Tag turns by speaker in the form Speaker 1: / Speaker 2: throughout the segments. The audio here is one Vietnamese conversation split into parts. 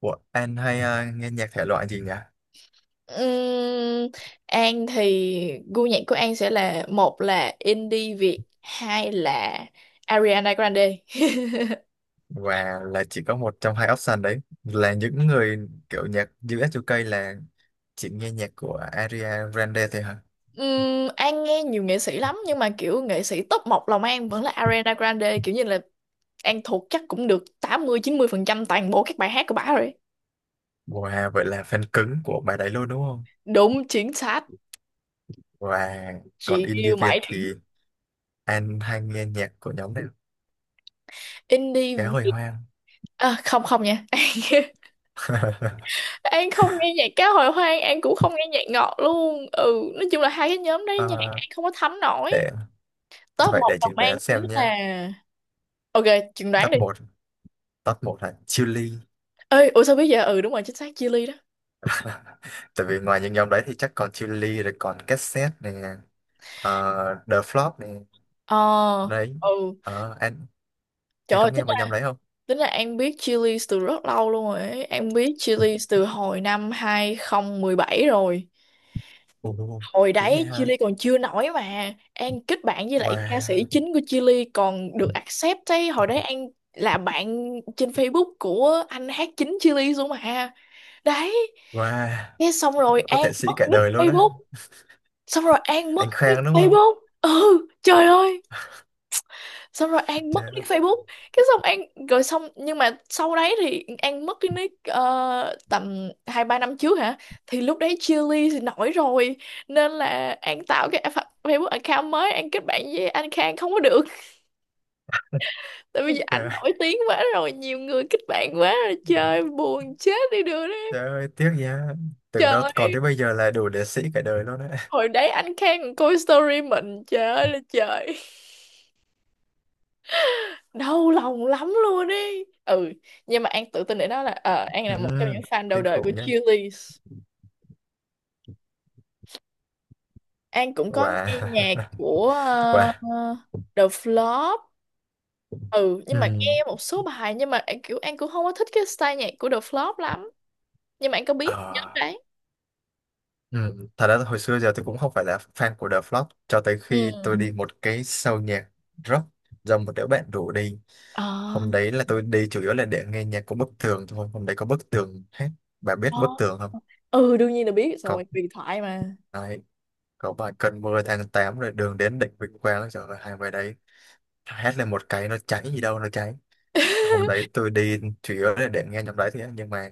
Speaker 1: Ủa, anh hay nghe nhạc thể loại gì nhỉ?
Speaker 2: Ừm, An thì gu nhạc của An sẽ là một là indie Việt, hai là Ariana Grande.
Speaker 1: Và là chỉ có một trong hai option đấy là những người kiểu nhạc US UK là chỉ nghe nhạc của Ariana Grande thôi hả?
Speaker 2: An nghe nhiều nghệ sĩ lắm, nhưng mà kiểu nghệ sĩ top một lòng An vẫn là Ariana Grande, kiểu như là An thuộc chắc cũng được tám mươi mươi chín mươi phần trăm toàn bộ các bài hát của bả rồi.
Speaker 1: Wow, vậy là fan cứng của bài đấy luôn đúng không?
Speaker 2: Đúng chính xác.
Speaker 1: Và còn
Speaker 2: Chị
Speaker 1: indie
Speaker 2: yêu
Speaker 1: Việt
Speaker 2: mãi
Speaker 1: thì anh hay nghe nhạc của nhóm này Cá Hồi
Speaker 2: indie
Speaker 1: Hoang.
Speaker 2: à, không không nha. An không nghe nhạc cá hồi hoang, An cũng không nghe nhạc ngọt luôn. Ừ, nói chung là hai cái nhóm đấy nhạc
Speaker 1: Ờ,
Speaker 2: An không có thấm nổi.
Speaker 1: để
Speaker 2: Top
Speaker 1: vậy
Speaker 2: một
Speaker 1: để
Speaker 2: lòng
Speaker 1: chừng
Speaker 2: An
Speaker 1: đoán
Speaker 2: chính
Speaker 1: xem nha.
Speaker 2: là... Ok, chừng đoán
Speaker 1: Top
Speaker 2: đi.
Speaker 1: một Top một là Chillies.
Speaker 2: Ơi, ủa sao biết vậy? Ừ đúng rồi, chính xác, chili đó.
Speaker 1: Tại vì ngoài những nhóm đấy thì chắc còn Chillies rồi còn Cassette nè, The Flop nè.
Speaker 2: ờ
Speaker 1: Đấy,
Speaker 2: ừ,
Speaker 1: ờ anh
Speaker 2: trời
Speaker 1: anh có
Speaker 2: ơi,
Speaker 1: nghe vào nhầm đấy không?
Speaker 2: tính là An biết chili từ rất lâu luôn rồi ấy. An biết chili từ hồi năm 2017 rồi.
Speaker 1: Ồ,
Speaker 2: Hồi
Speaker 1: dữ vậy
Speaker 2: đấy
Speaker 1: hả?
Speaker 2: chili còn chưa nổi mà An kết bạn với lại ca sĩ
Speaker 1: Wow,
Speaker 2: chính của chili còn được accept ấy. Hồi đấy An là bạn trên Facebook của anh hát chính chili luôn mà. Đấy.
Speaker 1: wow,
Speaker 2: Thế xong rồi
Speaker 1: có
Speaker 2: An
Speaker 1: thể sĩ
Speaker 2: mất
Speaker 1: cả
Speaker 2: nick
Speaker 1: đời luôn á.
Speaker 2: Facebook. Xong rồi An mất
Speaker 1: Anh Khang
Speaker 2: nick
Speaker 1: đúng không?
Speaker 2: Facebook. Ừ, trời ơi. Xong rồi An mất
Speaker 1: Trời ơi,
Speaker 2: nick Facebook. Cái xong An, rồi xong, nhưng mà sau đấy thì An mất cái nick, tầm hai ba năm trước hả, thì lúc đấy Chillies thì nổi rồi, nên là An tạo cái Facebook account mới. An kết bạn với anh Khang không có được, tại
Speaker 1: trời,
Speaker 2: vì anh
Speaker 1: ơi,
Speaker 2: nổi tiếng quá rồi, nhiều người kết bạn quá rồi, trời buồn chết đi được đấy.
Speaker 1: trời ơi tiếc nha. Tưởng đâu
Speaker 2: Trời
Speaker 1: còn
Speaker 2: ơi,
Speaker 1: tới bây giờ là đủ để sĩ cả đời luôn á.
Speaker 2: hồi đấy anh Khang coi story mình, trời ơi là trời, đau lòng lắm luôn đi. Ừ, nhưng mà An tự tin để nói là An
Speaker 1: Ừ,
Speaker 2: là một trong những fan đầu
Speaker 1: kinh
Speaker 2: đời của
Speaker 1: khủng nha.
Speaker 2: Chillies. An cũng có
Speaker 1: Wow.
Speaker 2: nghe nhạc của
Speaker 1: Wow.
Speaker 2: ờ, The Flop. Ừ, nhưng mà
Speaker 1: Ừ.
Speaker 2: nghe một số bài, nhưng mà kiểu An cũng không có thích cái style nhạc của The Flop lắm, nhưng mà An có biết nhóm
Speaker 1: Ờ.
Speaker 2: đấy.
Speaker 1: Ừ. Thật ra hồi xưa giờ tôi cũng không phải là fan của The Flock cho tới khi tôi
Speaker 2: Ừ.
Speaker 1: đi một cái show nhạc rock do một đứa bạn rủ đi.
Speaker 2: Ờ.
Speaker 1: Hôm đấy là tôi đi chủ yếu là để nghe nhạc của Bức Tường thôi. Hôm đấy có Bức Tường hết. Bà biết
Speaker 2: Ờ.
Speaker 1: Bức Tường không?
Speaker 2: Ừ, đương nhiên là biết
Speaker 1: Có,
Speaker 2: rồi, huyền thoại mà.
Speaker 1: đấy, có bài Cơn mưa tháng 8 rồi đường đến đỉnh Vinh Quang. Trời ơi, hai bài đấy hét lên một cái nó cháy gì đâu nó cháy. Hôm đấy tôi đi chủ yếu là để nghe nhóm đấy thôi á, nhưng mà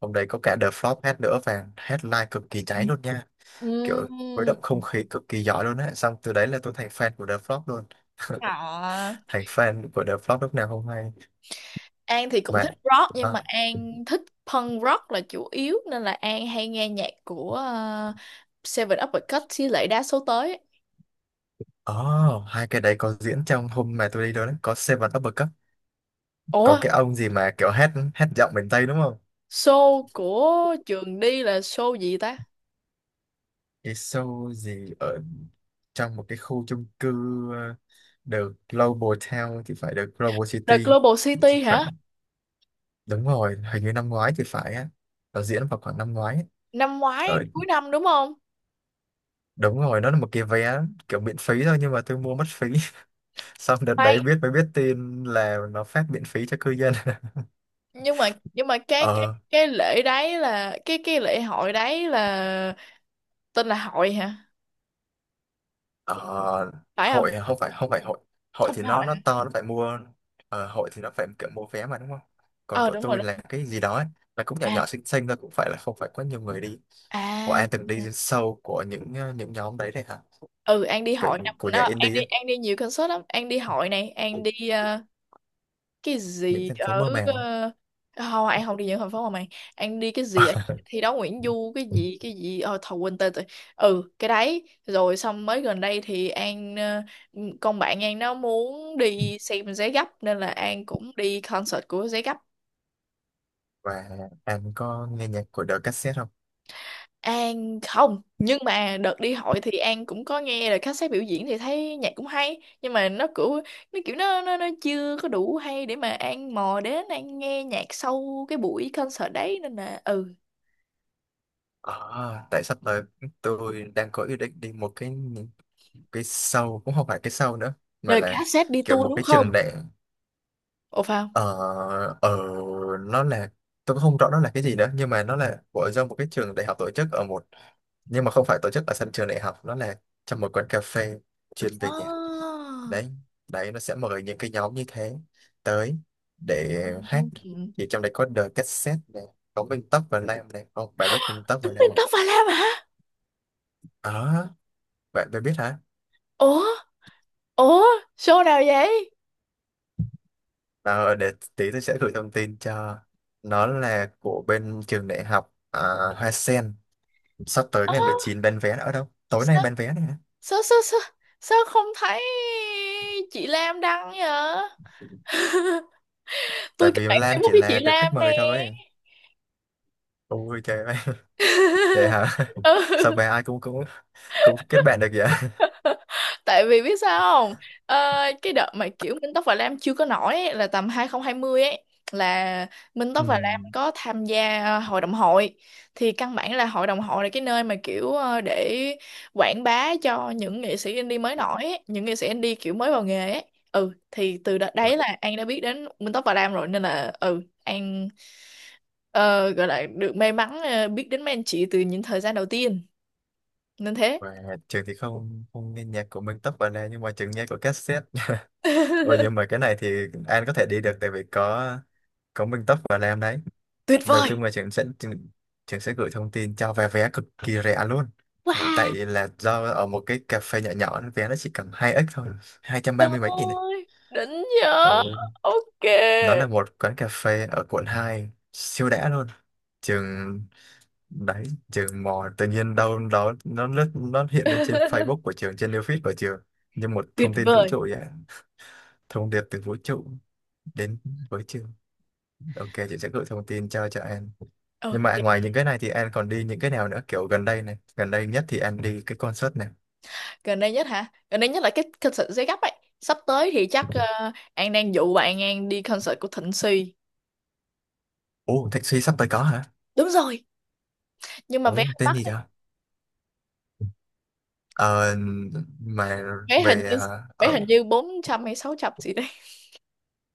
Speaker 1: hôm đấy có cả The Flock hát nữa và headline cực kỳ cháy luôn nha.
Speaker 2: Ừ.
Speaker 1: Kiểu khuấy động không khí cực kỳ giỏi luôn á, xong từ đấy là tôi thành fan của The Flock luôn,
Speaker 2: Hả?
Speaker 1: thành fan của The Flock lúc nào không hay.
Speaker 2: An thì cũng
Speaker 1: mà
Speaker 2: thích rock, nhưng mà
Speaker 1: à,
Speaker 2: An thích punk rock là chủ yếu, nên là An hay nghe nhạc của Seven Uppercut Cut với lại đa số tới.
Speaker 1: oh, hai cái đấy có diễn trong hôm mà tôi đi đó, đấy có Seven Upper Cup,
Speaker 2: Ủa,
Speaker 1: có cái ông gì mà kiểu hát hát giọng miền Tây đúng không?
Speaker 2: show của trường đi là show gì ta?
Speaker 1: Cái show gì ở trong một cái khu chung cư, ờ, The Global Town thì phải, The Global
Speaker 2: The
Speaker 1: City.
Speaker 2: Global City hả?
Speaker 1: Khoảng, đúng rồi hình như năm ngoái thì phải á, nó diễn vào khoảng năm ngoái ấy.
Speaker 2: Năm ngoái
Speaker 1: Ở,
Speaker 2: cuối năm đúng không?
Speaker 1: đúng rồi nó là một cái vé kiểu miễn phí thôi nhưng mà tôi mua mất phí, xong đợt đấy
Speaker 2: Khoan,
Speaker 1: biết mới biết tin là nó phát miễn phí cho cư dân.
Speaker 2: nhưng mà cái cái
Speaker 1: ờ
Speaker 2: cái lễ đấy là cái lễ hội đấy là tên là hội hả?
Speaker 1: ờ,
Speaker 2: Phải không?
Speaker 1: Hội không phải, không phải hội. Hội
Speaker 2: Không
Speaker 1: thì
Speaker 2: phải hội.
Speaker 1: nó
Speaker 2: Hả?
Speaker 1: to, nó phải mua. Hội thì nó phải kiểu mua vé mà đúng không, còn
Speaker 2: Ờ
Speaker 1: của
Speaker 2: đúng rồi,
Speaker 1: tôi là
Speaker 2: đúng.
Speaker 1: cái gì đó ấy, là cũng nhỏ
Speaker 2: À.
Speaker 1: nhỏ xinh xinh thôi, cũng phải là không phải quá nhiều người đi. Của
Speaker 2: À.
Speaker 1: An từng đi sâu của những những nhóm đấy đấy hả?
Speaker 2: Ừ, An đi
Speaker 1: của,
Speaker 2: hội năm
Speaker 1: của nhạc
Speaker 2: nó, An
Speaker 1: indie
Speaker 2: đi,
Speaker 1: ấy,
Speaker 2: An đi nhiều concert lắm, An đi hội này, An đi cái
Speaker 1: những
Speaker 2: gì
Speaker 1: thành phố
Speaker 2: ở
Speaker 1: mơ màng.
Speaker 2: không, An không đi những thành phố mà mày. An đi cái gì ở thi đấu Nguyễn Du, cái gì cái gì, thầu quên tên rồi. Ừ, cái đấy rồi xong mới gần đây thì An, con bạn An nó muốn đi xem Giấy Gấp nên là An cũng đi concert của Giấy Gấp.
Speaker 1: Và An có nghe nhạc của The Cassette không?
Speaker 2: An không, nhưng mà đợt đi hội thì An cũng có nghe là khách sếp biểu diễn thì thấy nhạc cũng hay, nhưng mà nó kiểu, nó kiểu, nó chưa có đủ hay để mà An mò đến An nghe nhạc sau cái buổi concert đấy, nên là ừ.
Speaker 1: À, tại sắp tới tôi đang có ý định đi một cái sau cũng không phải cái sau nữa mà
Speaker 2: Nên là
Speaker 1: là
Speaker 2: cassette đi
Speaker 1: kiểu
Speaker 2: tour
Speaker 1: một
Speaker 2: đúng
Speaker 1: cái
Speaker 2: không?
Speaker 1: trường đại,
Speaker 2: Ồ, phải không?
Speaker 1: ở, ở, nó là, tôi cũng không rõ nó là cái gì nữa nhưng mà nó là của do một cái trường đại học tổ chức ở một, nhưng mà không phải tổ chức ở sân trường đại học, nó là trong một quán cà phê chuyên về nhạc
Speaker 2: Oh.
Speaker 1: đấy. Đấy nó sẽ mời những cái nhóm như thế tới để hát, thì trong đấy có The Cassette này, có Vinh Tóc và Lam này, không bạn biết Vinh Tóc
Speaker 2: Tuấn
Speaker 1: và Lam
Speaker 2: Minh
Speaker 1: không?
Speaker 2: Tóc Và Lam hả?
Speaker 1: À, bạn bạn biết hả?
Speaker 2: Ủa Ủa, show nào vậy?
Speaker 1: Ờ, để tí tôi sẽ gửi thông tin cho. Nó là của bên trường đại học Hoa Sen. Sắp tới
Speaker 2: Ơ,
Speaker 1: ngày 19 bán vé, nữa đâu tối nay
Speaker 2: sao,
Speaker 1: bán vé này.
Speaker 2: sao sao sao, sao không thấy chị Lam đăng vậy? Tôi
Speaker 1: Tại
Speaker 2: kết
Speaker 1: vì
Speaker 2: bạn
Speaker 1: Lam
Speaker 2: Facebook
Speaker 1: chỉ
Speaker 2: với chị
Speaker 1: là được
Speaker 2: Lam
Speaker 1: khách
Speaker 2: nè.
Speaker 1: mời thôi. Ôi trời ơi. Vậy hả. Sao
Speaker 2: Ừ.
Speaker 1: bé ai cũng cũng cũng kết bạn được vậy.
Speaker 2: Tại vì biết sao không, ờ, cái đợt mà kiểu Minh Tóc và Lam chưa có nổi ấy, là tầm 2020 ấy, là Minh
Speaker 1: Ừ.
Speaker 2: Tóc và Lam có tham gia hội đồng hội, thì căn bản là hội đồng hội là cái nơi mà kiểu để quảng bá cho những nghệ sĩ indie mới nổi ấy, những nghệ sĩ indie kiểu mới vào nghề ấy. Ừ, thì từ đợt
Speaker 1: và,
Speaker 2: đấy là An đã biết đến Minh Tóc và Lam rồi, nên là ừ, An ờ, gọi là được may mắn, biết đến mấy anh chị từ những thời gian đầu tiên nên thế.
Speaker 1: và trường thì không, không nghe nhạc của Minh Tốc vào đây nhưng mà trường nghe của cassette. Ôi nhưng mà cái này thì An có thể đi được tại vì có Minh Tốc và Lam đấy.
Speaker 2: Tuyệt
Speaker 1: Đầu
Speaker 2: vời.
Speaker 1: chung là trường sẽ trường sẽ gửi thông tin cho. Vé vé cực kỳ rẻ luôn, tại
Speaker 2: Wow.
Speaker 1: là do ở một cái cà phê nhỏ nhỏ, nó vé nó chỉ cầm hai x thôi, hai trăm
Speaker 2: Trời
Speaker 1: ba mươi mấy nghìn này.
Speaker 2: ơi, đỉnh nhờ.
Speaker 1: Ừ.
Speaker 2: Ok.
Speaker 1: Nó là một quán cà phê ở quận 2 siêu đã luôn. Trường, đấy, trường mò tự nhiên đâu đó, nó lướt nó hiện lên trên Facebook của trường, trên new feed của trường như một
Speaker 2: Tuyệt
Speaker 1: thông tin vũ
Speaker 2: vời.
Speaker 1: trụ vậy, thông điệp từ vũ trụ đến với trường. Ok, chị sẽ gửi thông tin cho An. Nhưng mà
Speaker 2: Ok.
Speaker 1: ngoài những cái này thì An còn đi những cái nào nữa, kiểu gần đây này, gần đây nhất thì An đi cái concert này?
Speaker 2: Gần đây nhất hả? Gần đây nhất là cái concert giấy gấp ấy. Sắp tới thì chắc An đang dụ bạn An đi concert của Thịnh Suy.
Speaker 1: Ồ, Thịnh Suy sắp tới có hả?
Speaker 2: Đúng rồi. Nhưng mà vé
Speaker 1: Ồ,
Speaker 2: hơi
Speaker 1: tên
Speaker 2: mắc
Speaker 1: gì
Speaker 2: đấy.
Speaker 1: đó. Ờ, mà
Speaker 2: Vé hình
Speaker 1: về,
Speaker 2: như Vé
Speaker 1: ở,
Speaker 2: hình như 400 hay 600 gì đấy.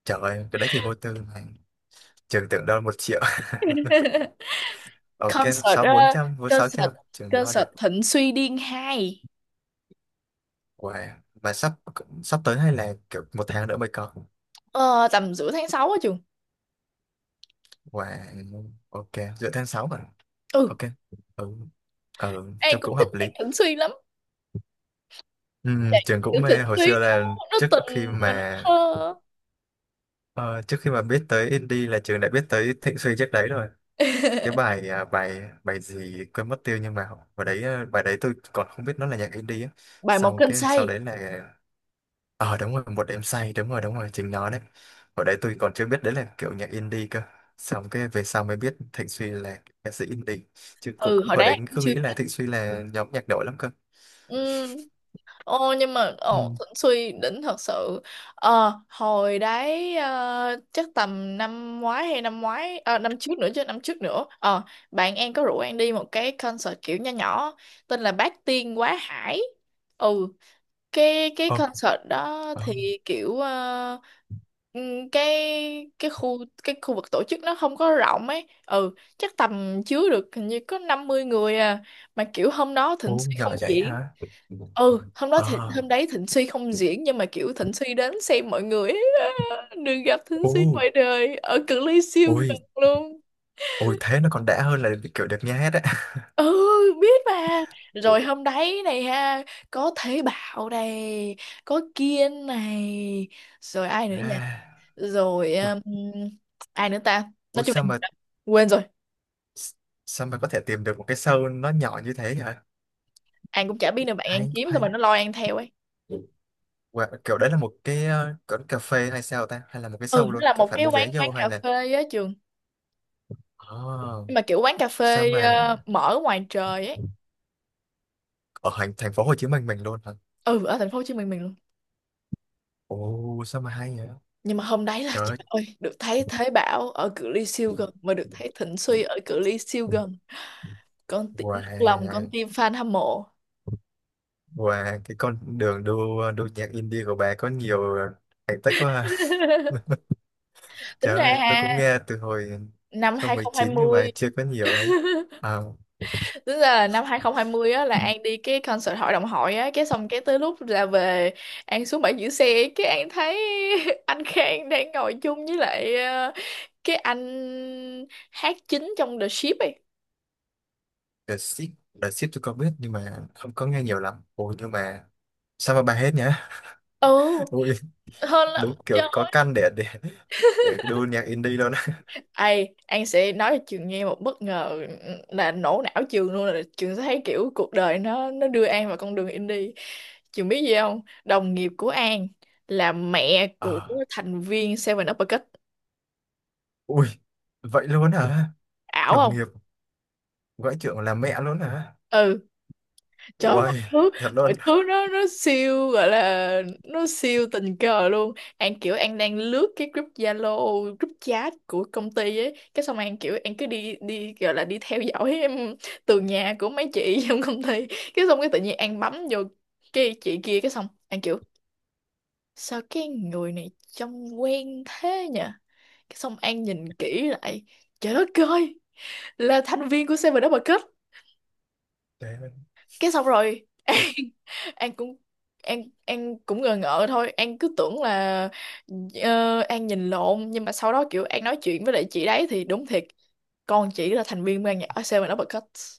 Speaker 1: trời ơi, cái đấy thì vô tư mà, trường tưởng đâu một triệu. Ok,
Speaker 2: Concert
Speaker 1: bốn
Speaker 2: ờ,
Speaker 1: trăm, sáu
Speaker 2: concert
Speaker 1: trăm trường lo
Speaker 2: concert
Speaker 1: được.
Speaker 2: Thịnh Suy Điên 2.
Speaker 1: Wow. Mà sắp sắp tới hay là kiểu một tháng nữa mới có?
Speaker 2: Ờ, Tầm giữa tháng 6 á trường.
Speaker 1: Wow. Ok, giữa tháng 6 mà.
Speaker 2: Ừ,
Speaker 1: Ok. Ừ. Ừ
Speaker 2: An
Speaker 1: trường
Speaker 2: cũng
Speaker 1: cũng
Speaker 2: thích
Speaker 1: hợp
Speaker 2: nhạc
Speaker 1: lý.
Speaker 2: Thịnh Suy lắm.
Speaker 1: Trường
Speaker 2: Kiểu
Speaker 1: cũng
Speaker 2: thịnh
Speaker 1: mê hồi
Speaker 2: Thúy
Speaker 1: xưa
Speaker 2: nó
Speaker 1: là,
Speaker 2: nó
Speaker 1: trước khi
Speaker 2: tình mà nó
Speaker 1: mà
Speaker 2: thơ.
Speaker 1: ờ, trước khi mà biết tới indie là trường đã biết tới Thịnh Suy trước đấy rồi. Cái bài à, bài bài gì quên mất tiêu nhưng mà bài đấy, bài đấy tôi còn không biết nó là nhạc indie á.
Speaker 2: Bài một
Speaker 1: Sau
Speaker 2: trên
Speaker 1: cái sau
Speaker 2: say.
Speaker 1: đấy là, ờ đúng rồi một đêm say, đúng rồi chính nó đấy. Hồi đấy tôi còn chưa biết đấy là kiểu nhạc indie cơ, xong cái về sau mới biết Thịnh Suy là ca sĩ indie, chứ cũng
Speaker 2: Ừ hồi
Speaker 1: hồi
Speaker 2: đó
Speaker 1: đấy
Speaker 2: em
Speaker 1: cứ
Speaker 2: chưa
Speaker 1: nghĩ
Speaker 2: biết.
Speaker 1: là Thịnh Suy là nhóm nhạc nổi lắm cơ.
Speaker 2: Ừ. Ô, nhưng mà ồ
Speaker 1: Ừ.
Speaker 2: Thịnh Suy đỉnh thật sự. Hồi đấy, chắc tầm năm ngoái hay năm ngoái, năm trước nữa, chứ năm trước nữa, bạn em có rủ em đi một cái concert kiểu nho nhỏ tên là Bát Tiên Quá Hải. Ừ, cái
Speaker 1: ờ
Speaker 2: concert đó
Speaker 1: ờ
Speaker 2: thì kiểu, cái khu, cái khu vực tổ chức nó không có rộng ấy. Ừ, chắc tầm chứa được hình như có 50 người à, mà kiểu hôm đó Thịnh
Speaker 1: Ồ
Speaker 2: Suy không
Speaker 1: nhỏ vậy
Speaker 2: diễn.
Speaker 1: hả?
Speaker 2: Ừ, hôm đó thì
Speaker 1: Ờ.
Speaker 2: hôm đấy Thịnh Suy không diễn, nhưng mà kiểu Thịnh Suy đến xem mọi người ấy. Đừng gặp Thịnh
Speaker 1: Ồ.
Speaker 2: Suy ngoài đời ở cự ly siêu
Speaker 1: Ôi,
Speaker 2: gần luôn.
Speaker 1: ôi thế nó còn đã hơn là kiểu được nghe hết á.
Speaker 2: Ừ biết mà.
Speaker 1: Ồ.
Speaker 2: Rồi hôm đấy này ha, có Thế Bảo này, có Kiên này, rồi ai nữa nhỉ,
Speaker 1: À,
Speaker 2: rồi ai nữa ta, nói
Speaker 1: ôi
Speaker 2: chung
Speaker 1: sao
Speaker 2: là
Speaker 1: mà,
Speaker 2: quên rồi.
Speaker 1: S- sao mà có thể tìm được một cái show nó nhỏ như thế vậy?
Speaker 2: An cũng chả biết nữa, bạn An
Speaker 1: Hay,
Speaker 2: kiếm xong rồi
Speaker 1: hay.
Speaker 2: nó lôi An theo ấy.
Speaker 1: Wow, kiểu đấy là một cái kiểu cà phê hay sao ta, hay là một cái
Speaker 2: Ừ,
Speaker 1: show
Speaker 2: nó
Speaker 1: luôn
Speaker 2: là
Speaker 1: kiểu
Speaker 2: một
Speaker 1: phải
Speaker 2: cái
Speaker 1: mua vé
Speaker 2: quán quán
Speaker 1: vô hay
Speaker 2: cà
Speaker 1: là?
Speaker 2: phê á trường.
Speaker 1: Oh,
Speaker 2: Nhưng mà kiểu quán cà
Speaker 1: sao
Speaker 2: phê
Speaker 1: mà
Speaker 2: mở ngoài trời ấy.
Speaker 1: ở thành thành phố Hồ Chí Minh mình luôn hả?
Speaker 2: Ừ ở thành phố Hồ Chí Minh mình luôn.
Speaker 1: Ồ sao mà hay vậy.
Speaker 2: Nhưng mà hôm đấy là
Speaker 1: Trời
Speaker 2: trời
Speaker 1: ơi.
Speaker 2: ơi, được thấy Thế Bảo ở cự ly siêu gần, mà được thấy Thịnh Suy ở cự ly siêu gần, con tim nức lòng, con
Speaker 1: Wow.
Speaker 2: tim fan hâm mộ.
Speaker 1: Wow cái con đường đua đua nhạc indie của bà có nhiều thành tích quá ha.
Speaker 2: Tính
Speaker 1: Trời
Speaker 2: ra
Speaker 1: ơi tôi
Speaker 2: ha,
Speaker 1: cũng nghe từ hồi hai
Speaker 2: năm
Speaker 1: không một chín nhưng
Speaker 2: 2020.
Speaker 1: mà chưa có nhiều đấy. à,
Speaker 2: Tính ra là năm 2020 á, là An đi cái concert hội đồng hội á, cái xong cái tới lúc ra về An xuống bãi giữ xe cái An thấy anh Khang đang ngồi chung với lại, cái anh hát chính trong The Ship ấy.
Speaker 1: The Ship, The Ship tôi có biết nhưng mà không có nghe nhiều lắm. Ôi nhưng mà sao mà bà hết nhá.
Speaker 2: Ừ
Speaker 1: Ui,
Speaker 2: hơn lắm
Speaker 1: đúng
Speaker 2: chứ.
Speaker 1: kiểu có căn để đu nhạc indie luôn á.
Speaker 2: Ai, An sẽ nói cho Trường nghe một bất ngờ là nổ não Trường luôn, là Trường sẽ thấy kiểu cuộc đời nó đưa An vào con đường indie. Trường biết gì không? Đồng nghiệp của An là mẹ của
Speaker 1: Ờ.
Speaker 2: thành viên Seven Uppercut.
Speaker 1: Ui vậy luôn hả?
Speaker 2: Ảo
Speaker 1: Đồng
Speaker 2: không?
Speaker 1: nghiệp gọi trưởng là mẹ luôn hả?
Speaker 2: Ừ, trời ơi,
Speaker 1: Ui thật luôn.
Speaker 2: mọi thứ nó siêu, gọi là nó siêu tình cờ luôn. An kiểu An đang lướt cái group Zalo, group chat của công ty ấy, cái xong An kiểu An cứ đi đi, gọi là đi theo dõi em từ nhà của mấy chị trong công ty, cái xong cái tự nhiên An bấm vô cái chị kia, cái xong An kiểu sao cái người này trông quen thế nhỉ, cái xong An nhìn kỹ lại, trời đất ơi, là thành viên của Seven Double Cup.
Speaker 1: Đấy
Speaker 2: Cái xong rồi, An
Speaker 1: có-
Speaker 2: An cũng An cũng ngờ ngợ thôi, An cứ tưởng là An nhìn lộn, nhưng mà sau đó kiểu An nói chuyện với lại chị đấy thì đúng thiệt, con chỉ là thành viên ban nhạc Seven Uppercuts.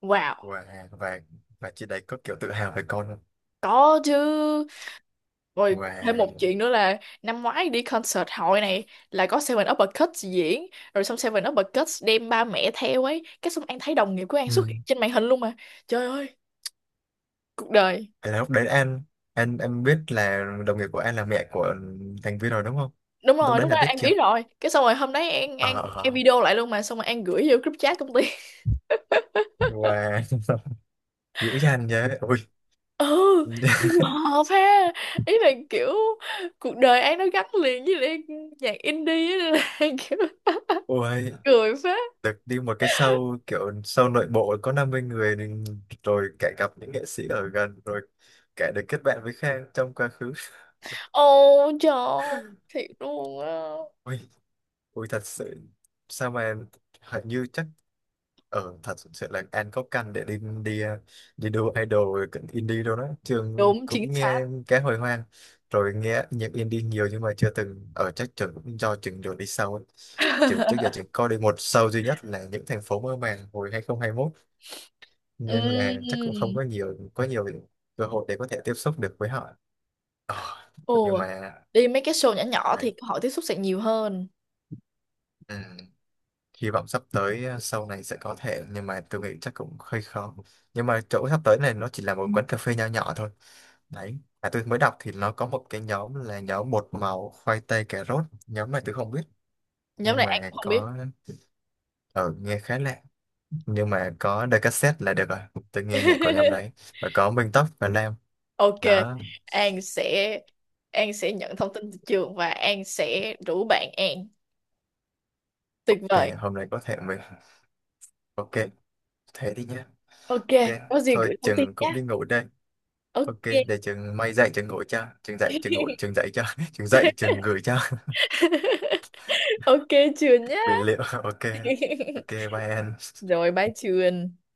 Speaker 2: Wow.
Speaker 1: wow. Và chị đấy có kiểu tự hào về con không?
Speaker 2: Có chứ. Rồi, thêm một
Speaker 1: Wow.
Speaker 2: chuyện nữa là năm ngoái đi concert hội này, là có Seven Uppercuts diễn, rồi xong Seven Uppercuts đem ba mẹ theo ấy, cái xong An thấy đồng nghiệp của An xuất
Speaker 1: Ừ.
Speaker 2: hiện trên màn hình luôn mà. Trời ơi, cuộc đời.
Speaker 1: Thế là lúc đấy An, em biết là đồng nghiệp của An là mẹ của thành viên rồi đúng không?
Speaker 2: Đúng
Speaker 1: Lúc
Speaker 2: rồi,
Speaker 1: đấy
Speaker 2: lúc đó
Speaker 1: là biết
Speaker 2: An
Speaker 1: chưa?
Speaker 2: biết rồi, cái xong rồi hôm đấy
Speaker 1: Ờ.
Speaker 2: An
Speaker 1: Ờ.
Speaker 2: video lại luôn mà, xong rồi An gửi vô group chat công ty.
Speaker 1: Wow. Dữ dằn nhé. Ôi.
Speaker 2: Ừ trùng hợp ha, ý là kiểu cuộc đời An nó gắn liền với lại nhạc indie á, nên là An kiểu
Speaker 1: Ôi
Speaker 2: cười phết.
Speaker 1: được đi một cái show kiểu show nội bộ có 50 người thì, rồi cả gặp những nghệ sĩ ở gần rồi, cả được kết bạn với Khang trong quá khứ.
Speaker 2: Ô trời ơi, thiệt luôn á.
Speaker 1: Ôi. Ui thật sự, sao mà, hình như chắc ở thật sự là An có căn để đi đi đi đua idol cận indie đâu đó. Trường
Speaker 2: Đúng chính
Speaker 1: cũng
Speaker 2: xác.
Speaker 1: nghe cái hồi hoang rồi nghe nhạc indie nhiều nhưng mà chưa từng ở, chắc trường cũng do trường đường đi sau ấy. Trường trước giờ trường có đi một show duy nhất là những thành phố mơ màng hồi 2021 nên là chắc
Speaker 2: Ừm.
Speaker 1: cũng không có có nhiều cơ hội để có thể tiếp xúc được với họ. Ờ, nhưng
Speaker 2: Ồ
Speaker 1: mà
Speaker 2: đi mấy cái show nhỏ nhỏ thì
Speaker 1: đấy,
Speaker 2: cơ hội tiếp xúc sẽ nhiều hơn.
Speaker 1: ừ. Hy vọng sắp tới sau này sẽ có thể nhưng mà tôi nghĩ chắc cũng hơi khó, nhưng mà chỗ sắp tới này nó chỉ là một quán cà phê nho nhỏ thôi. Đấy mà tôi mới đọc thì nó có một cái nhóm là nhóm bột màu khoai tây cà rốt, nhóm này tôi không biết.
Speaker 2: Nhóm
Speaker 1: Nhưng
Speaker 2: này An
Speaker 1: mà
Speaker 2: cũng không biết.
Speaker 1: có, ở nghe khá lạ, nhưng mà có đôi cassette là được rồi, tôi nghe nhạc của nhóm đấy, và có Minh Tóc và Nam
Speaker 2: Ok,
Speaker 1: đó.
Speaker 2: An sẽ An sẽ nhận thông tin từ trường và An sẽ rủ bạn An. Tuyệt
Speaker 1: Ok
Speaker 2: vời.
Speaker 1: hôm nay có thể mình, ok thế đi nhé.
Speaker 2: Ok,
Speaker 1: Ok,
Speaker 2: có gì
Speaker 1: thôi
Speaker 2: gửi thông tin
Speaker 1: chừng cũng
Speaker 2: nhé.
Speaker 1: đi ngủ đây. Ok,
Speaker 2: Ok.
Speaker 1: để trường may dạy trường ngồi cho, trường dạy trường ngồi, trường dạy cho, trường dạy trường gửi cho.
Speaker 2: Ok Trường nhá.
Speaker 1: Bị liệu, ok. Ok bye em.
Speaker 2: Rồi bye Trường.